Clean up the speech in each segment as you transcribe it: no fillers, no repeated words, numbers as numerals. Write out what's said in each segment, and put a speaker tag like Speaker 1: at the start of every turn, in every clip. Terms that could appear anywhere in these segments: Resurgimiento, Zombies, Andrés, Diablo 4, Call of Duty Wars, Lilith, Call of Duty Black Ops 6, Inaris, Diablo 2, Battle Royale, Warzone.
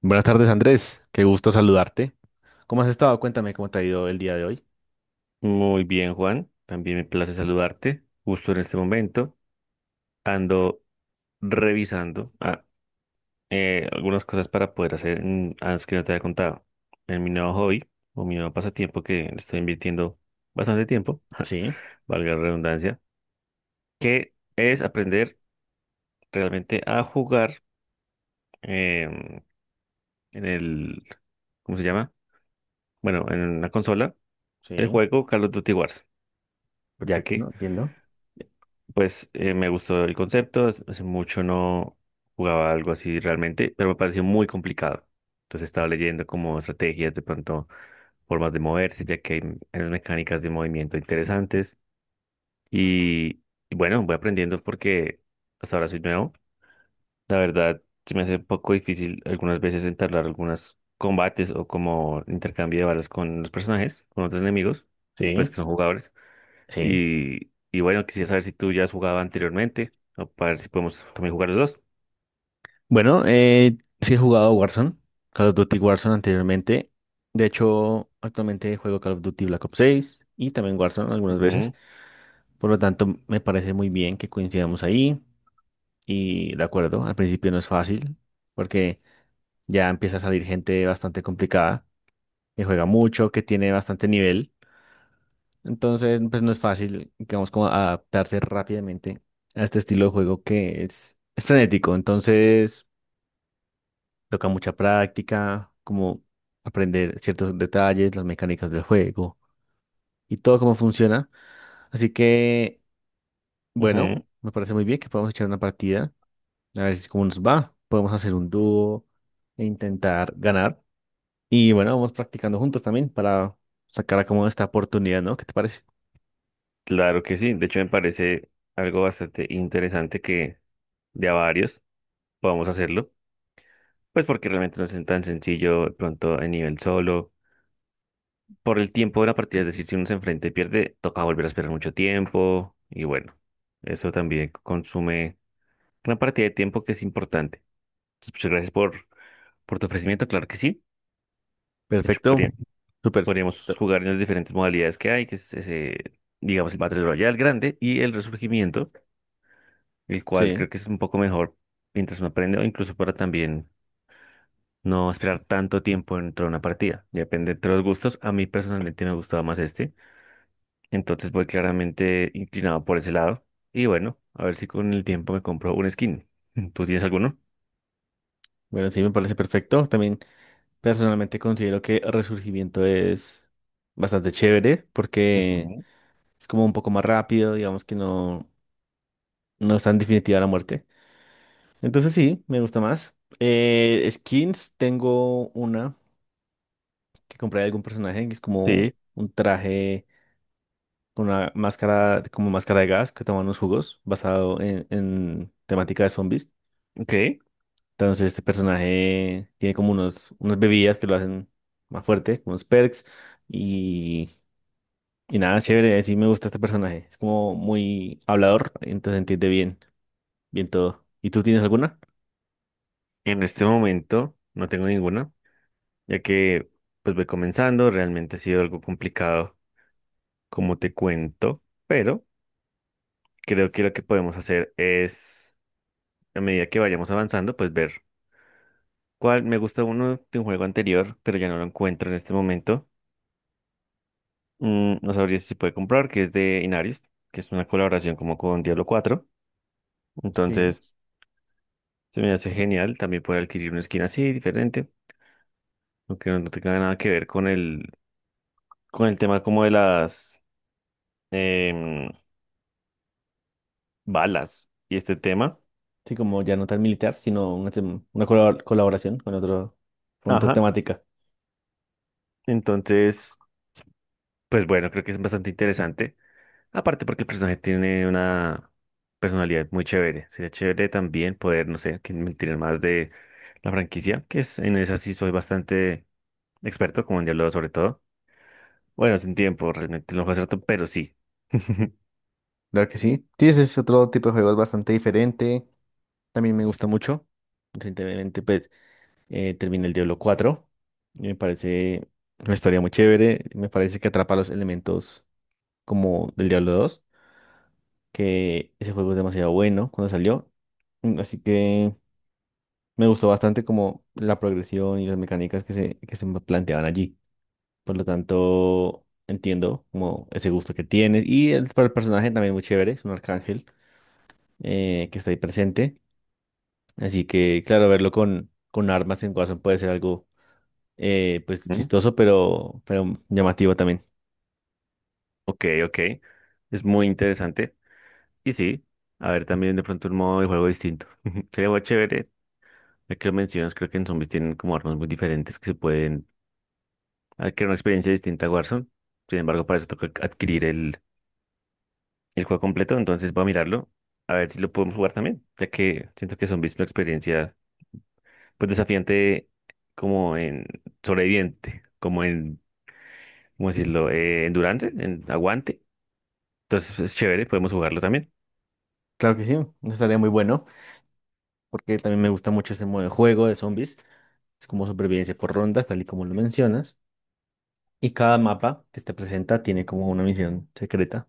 Speaker 1: Buenas tardes, Andrés. Qué gusto saludarte. ¿Cómo has estado? Cuéntame cómo te ha ido el día de hoy.
Speaker 2: Muy bien, Juan. También me place saludarte. Justo en este momento ando revisando algunas cosas para poder hacer antes que no te había contado. En mi nuevo hobby o mi nuevo pasatiempo que le estoy invirtiendo bastante tiempo,
Speaker 1: Sí,
Speaker 2: valga la redundancia, que es aprender realmente a jugar em, en el, ¿cómo se llama? Bueno, en la consola, el
Speaker 1: sí,
Speaker 2: juego Call of Duty Wars, ya
Speaker 1: perfecto, ¿no?
Speaker 2: que
Speaker 1: Entiendo.
Speaker 2: Pues me gustó el concepto, hace mucho no jugaba algo así realmente, pero me pareció muy complicado. Entonces estaba leyendo como estrategias, de pronto formas de moverse, ya que hay unas mecánicas de movimiento interesantes. Y, y bueno, voy aprendiendo porque hasta ahora soy nuevo. La verdad, se me hace un poco difícil algunas veces entablar algunos combates o como intercambio de balas con los personajes, con otros enemigos, pues que
Speaker 1: Sí,
Speaker 2: son jugadores.
Speaker 1: sí.
Speaker 2: Y bueno, quisiera saber si tú ya has jugado anteriormente, o para ver si podemos también jugar los dos.
Speaker 1: Bueno, sí he jugado Warzone, Call of Duty Warzone anteriormente. De hecho, actualmente juego Call of Duty Black Ops 6 y también Warzone algunas veces.
Speaker 2: Ujú,
Speaker 1: Por lo tanto, me parece muy bien que coincidamos ahí. Y de acuerdo, al principio no es fácil porque ya empieza a salir gente bastante complicada, que juega mucho, que tiene bastante nivel. Entonces, pues no es fácil, digamos, como adaptarse rápidamente a este estilo de juego que es frenético. Entonces, toca mucha práctica, como aprender ciertos detalles, las mecánicas del juego y todo cómo funciona. Así que, bueno,
Speaker 2: ujú.
Speaker 1: me parece muy bien que podamos echar una partida, a ver si cómo nos va. Podemos hacer un dúo e intentar ganar. Y bueno, vamos practicando juntos también para sacar a cómo esta oportunidad, ¿no? ¿Qué te parece?
Speaker 2: Claro que sí. De hecho, me parece algo bastante interesante que de a varios podamos hacerlo. Pues porque realmente no es tan sencillo de pronto en nivel solo. Por el tiempo de la partida, es decir, si uno se enfrenta y pierde, toca volver a esperar mucho tiempo. Y bueno, eso también consume una partida de tiempo que es importante. Entonces, muchas gracias por tu ofrecimiento, claro que sí. De hecho,
Speaker 1: Perfecto. Súper.
Speaker 2: Podríamos jugar en las diferentes modalidades que hay, que es ese, digamos, el Battle Royale grande y el Resurgimiento, el cual
Speaker 1: Sí.
Speaker 2: creo que es un poco mejor mientras uno aprende o incluso para también no esperar tanto tiempo dentro de una partida. Ya depende de los gustos. A mí personalmente me gustaba más este, entonces voy claramente inclinado por ese lado. Y bueno, a ver si con el tiempo me compro un skin. ¿Tú tienes alguno?
Speaker 1: Bueno, sí, me parece perfecto. También personalmente considero que Resurgimiento es bastante chévere porque
Speaker 2: Ujú.
Speaker 1: es como un poco más rápido, digamos que no, no es tan definitiva la muerte. Entonces sí, me gusta más. Skins, tengo una que compré de algún personaje, que es como
Speaker 2: Sí,
Speaker 1: un traje con una máscara, como máscara de gas que toma unos jugos basado en temática de zombies.
Speaker 2: ok.
Speaker 1: Entonces este personaje tiene como unos, unas bebidas que lo hacen más fuerte, como unos perks y, y nada, chévere, sí me gusta este personaje. Es como muy hablador, entonces entiende bien, bien todo. ¿Y tú tienes alguna?
Speaker 2: En este momento no tengo ninguna, ya que pues voy comenzando, realmente ha sido algo complicado como te cuento, pero creo que lo que podemos hacer es, a medida que vayamos avanzando, pues ver cuál me gusta uno de un juego anterior, pero ya no lo encuentro en este momento. Mm, no sabría si se puede comprar, que es de Inaris, que es una colaboración como con Diablo cuatro.
Speaker 1: Sí.
Speaker 2: Entonces, se me hace genial también poder adquirir una skin así, diferente, aunque no tenga nada que ver con el tema como de las em, balas y este tema.
Speaker 1: Sí, como ya no tan militar, sino una, una colaboración con otro, con otra
Speaker 2: Ajá.
Speaker 1: temática.
Speaker 2: Entonces, pues bueno, creo que es bastante interesante. Aparte porque el personaje tiene una personalidad muy chévere. Sería chévere también poder, no sé, que me tiren más de la franquicia, que es en esa sí soy bastante experto, como en Diablo sobre todo. Bueno, sin tiempo, realmente no fue cierto, pero sí.
Speaker 1: Claro que sí. Sí, ese es otro tipo de juego, es bastante diferente. También me gusta mucho. Recientemente, pues, terminé el Diablo 4. Y me parece una historia muy chévere. Me parece que atrapa los elementos como del Diablo 2, que ese juego es demasiado bueno cuando salió. Así que me gustó bastante como la progresión y las mecánicas que se me planteaban allí. Por lo tanto, entiendo como ese gusto que tienes. Y el, para el personaje también muy chévere, es un arcángel que está ahí presente. Así que, claro, verlo con armas en Warzone puede ser algo pues
Speaker 2: Mm,
Speaker 1: chistoso, pero llamativo también.
Speaker 2: ok, ok. Es muy interesante. Y sí, a ver también de pronto un modo de juego distinto. Sería muy chévere. Ya que lo mencionas, creo que en zombies tienen como armas muy diferentes que se pueden adquirir una experiencia distinta a Warzone. Sin embargo, para eso toca adquirir el juego completo, entonces voy a mirarlo, a ver si lo podemos jugar también, ya que siento que Zombies es una experiencia pues desafiante como en sobreviviente, como en, ¿cómo decirlo?, endurance, en aguante. Entonces es chévere, podemos jugarlo también.
Speaker 1: Claro que sí, estaría muy bueno, porque también me gusta mucho este modo de juego de zombies. Es como supervivencia por rondas, tal y como lo mencionas. Y cada mapa que te presenta tiene como una misión secreta,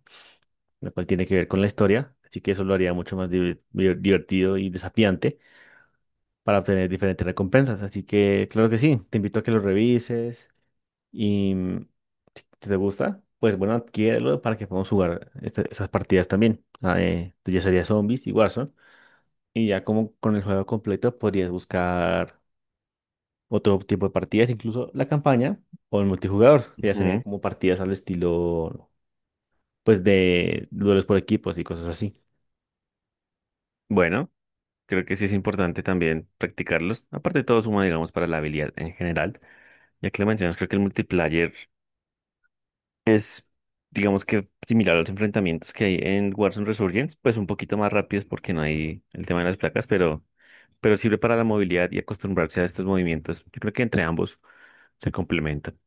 Speaker 1: la cual tiene que ver con la historia. Así que eso lo haría mucho más divertido y desafiante para obtener diferentes recompensas. Así que, claro que sí, te invito a que lo revises. Y si te gusta, pues bueno, adquiérelo para que podamos jugar esas partidas también. Ya sería Zombies y Warzone. Y ya como con el juego completo podrías buscar otro tipo de partidas, incluso la campaña o el multijugador, que ya serían
Speaker 2: Ujú.
Speaker 1: como partidas al estilo, pues de duelos por equipos y cosas así.
Speaker 2: Bueno, creo que sí es importante también practicarlos. Aparte de todo suma, digamos, para la habilidad en general, ya que lo mencionas, creo que el multiplayer es... Digamos que similar a los enfrentamientos que hay en Warzone Resurgence, pues un poquito más rápidos porque no hay el tema de las placas, pero sirve para la movilidad y acostumbrarse a estos movimientos. Yo creo que entre ambos se complementan.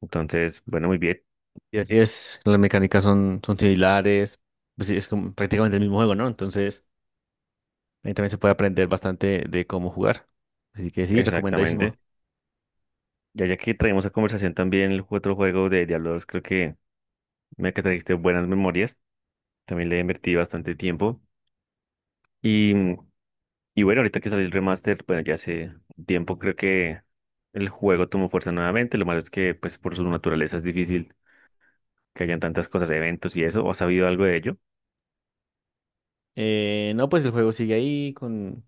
Speaker 2: Entonces, bueno, muy bien,
Speaker 1: Y así es, las mecánicas son similares, pues sí, es como prácticamente el mismo juego, ¿no? Entonces ahí también se puede aprender bastante de cómo jugar. Así que sí, recomendadísimo.
Speaker 2: exactamente. Ya que traemos a conversación también otro juego de Diablo 2, creo que me que trajiste buenas memorias. También le invertí bastante tiempo. Y, y bueno, ahorita que salió el remaster, bueno, ya hace tiempo creo que el juego tomó fuerza nuevamente. Lo malo es que, pues, por su naturaleza es difícil que hayan tantas cosas, eventos y eso. ¿O has sabido algo de ello?
Speaker 1: No, pues el juego sigue ahí con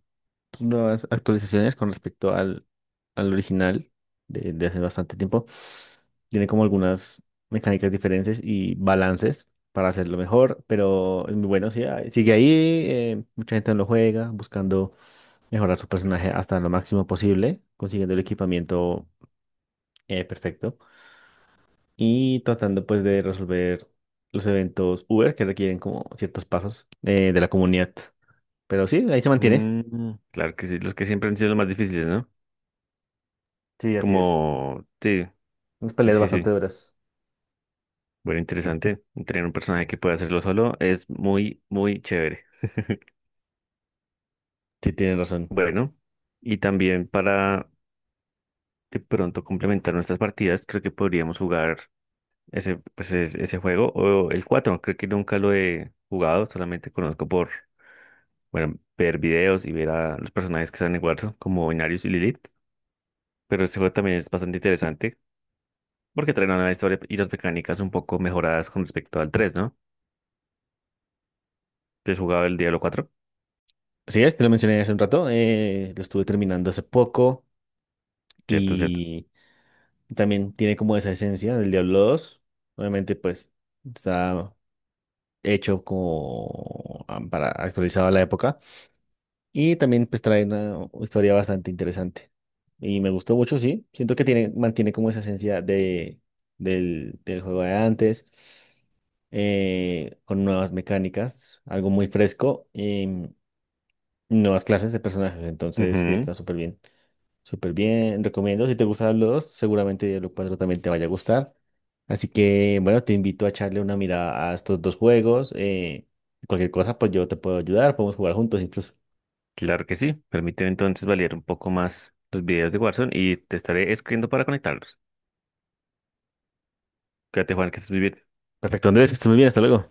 Speaker 1: sus nuevas actualizaciones con respecto al original de hace bastante tiempo. Tiene como algunas mecánicas diferentes y balances para hacerlo mejor, pero es muy bueno, sí, sigue ahí. Mucha gente no lo juega buscando mejorar su personaje hasta lo máximo posible, consiguiendo el equipamiento perfecto y tratando pues de resolver los eventos Uber que requieren como ciertos pasos de la comunidad. Pero sí, ahí se mantiene.
Speaker 2: Mm, claro que sí, los que siempre han sido los más difíciles, ¿no?
Speaker 1: Sí, así es.
Speaker 2: Como, sí,
Speaker 1: Unas
Speaker 2: sí,
Speaker 1: peleas
Speaker 2: sí, sí.
Speaker 1: bastante duras.
Speaker 2: Bueno, interesante. Tener un personaje que pueda hacerlo solo es muy, muy chévere.
Speaker 1: Sí, tienes razón.
Speaker 2: Bueno, y también para de pronto complementar nuestras partidas, creo que podríamos jugar ese, pues, ese juego o el cuatro. Creo que nunca lo he jugado, solamente conozco por, bueno, ver videos y ver a los personajes que están en Warzone, como Inarius y Lilith. Pero este juego también es bastante interesante porque traen una historia y las mecánicas un poco mejoradas con respecto al tres, ¿no? ¿Te has jugado el Diablo cuatro?
Speaker 1: Así es, te lo mencioné hace un rato. Lo estuve terminando hace poco
Speaker 2: Cierto, cierto.
Speaker 1: y también tiene como esa esencia del Diablo 2. Obviamente, pues está hecho como para actualizado a la época. Y también pues trae una historia bastante interesante. Y me gustó mucho, sí. Siento que tiene, mantiene como esa esencia de, del juego de antes, con nuevas mecánicas, algo muy fresco, nuevas clases de personajes. Entonces sí
Speaker 2: Ujú,
Speaker 1: está súper bien. Súper bien, recomiendo. Si te gusta Diablo 2 seguramente Diablo 4 también te vaya a gustar. Así que bueno, te invito a echarle una mirada a estos dos juegos. Cualquier cosa, pues yo te puedo ayudar, podemos jugar juntos incluso.
Speaker 2: claro que sí. Permíteme entonces validar un poco más los videos de Warzone y te estaré escribiendo para conectarlos. Cuídate, Juan, que estés muy bien.
Speaker 1: Perfecto, Andrés, que estés muy bien, hasta luego.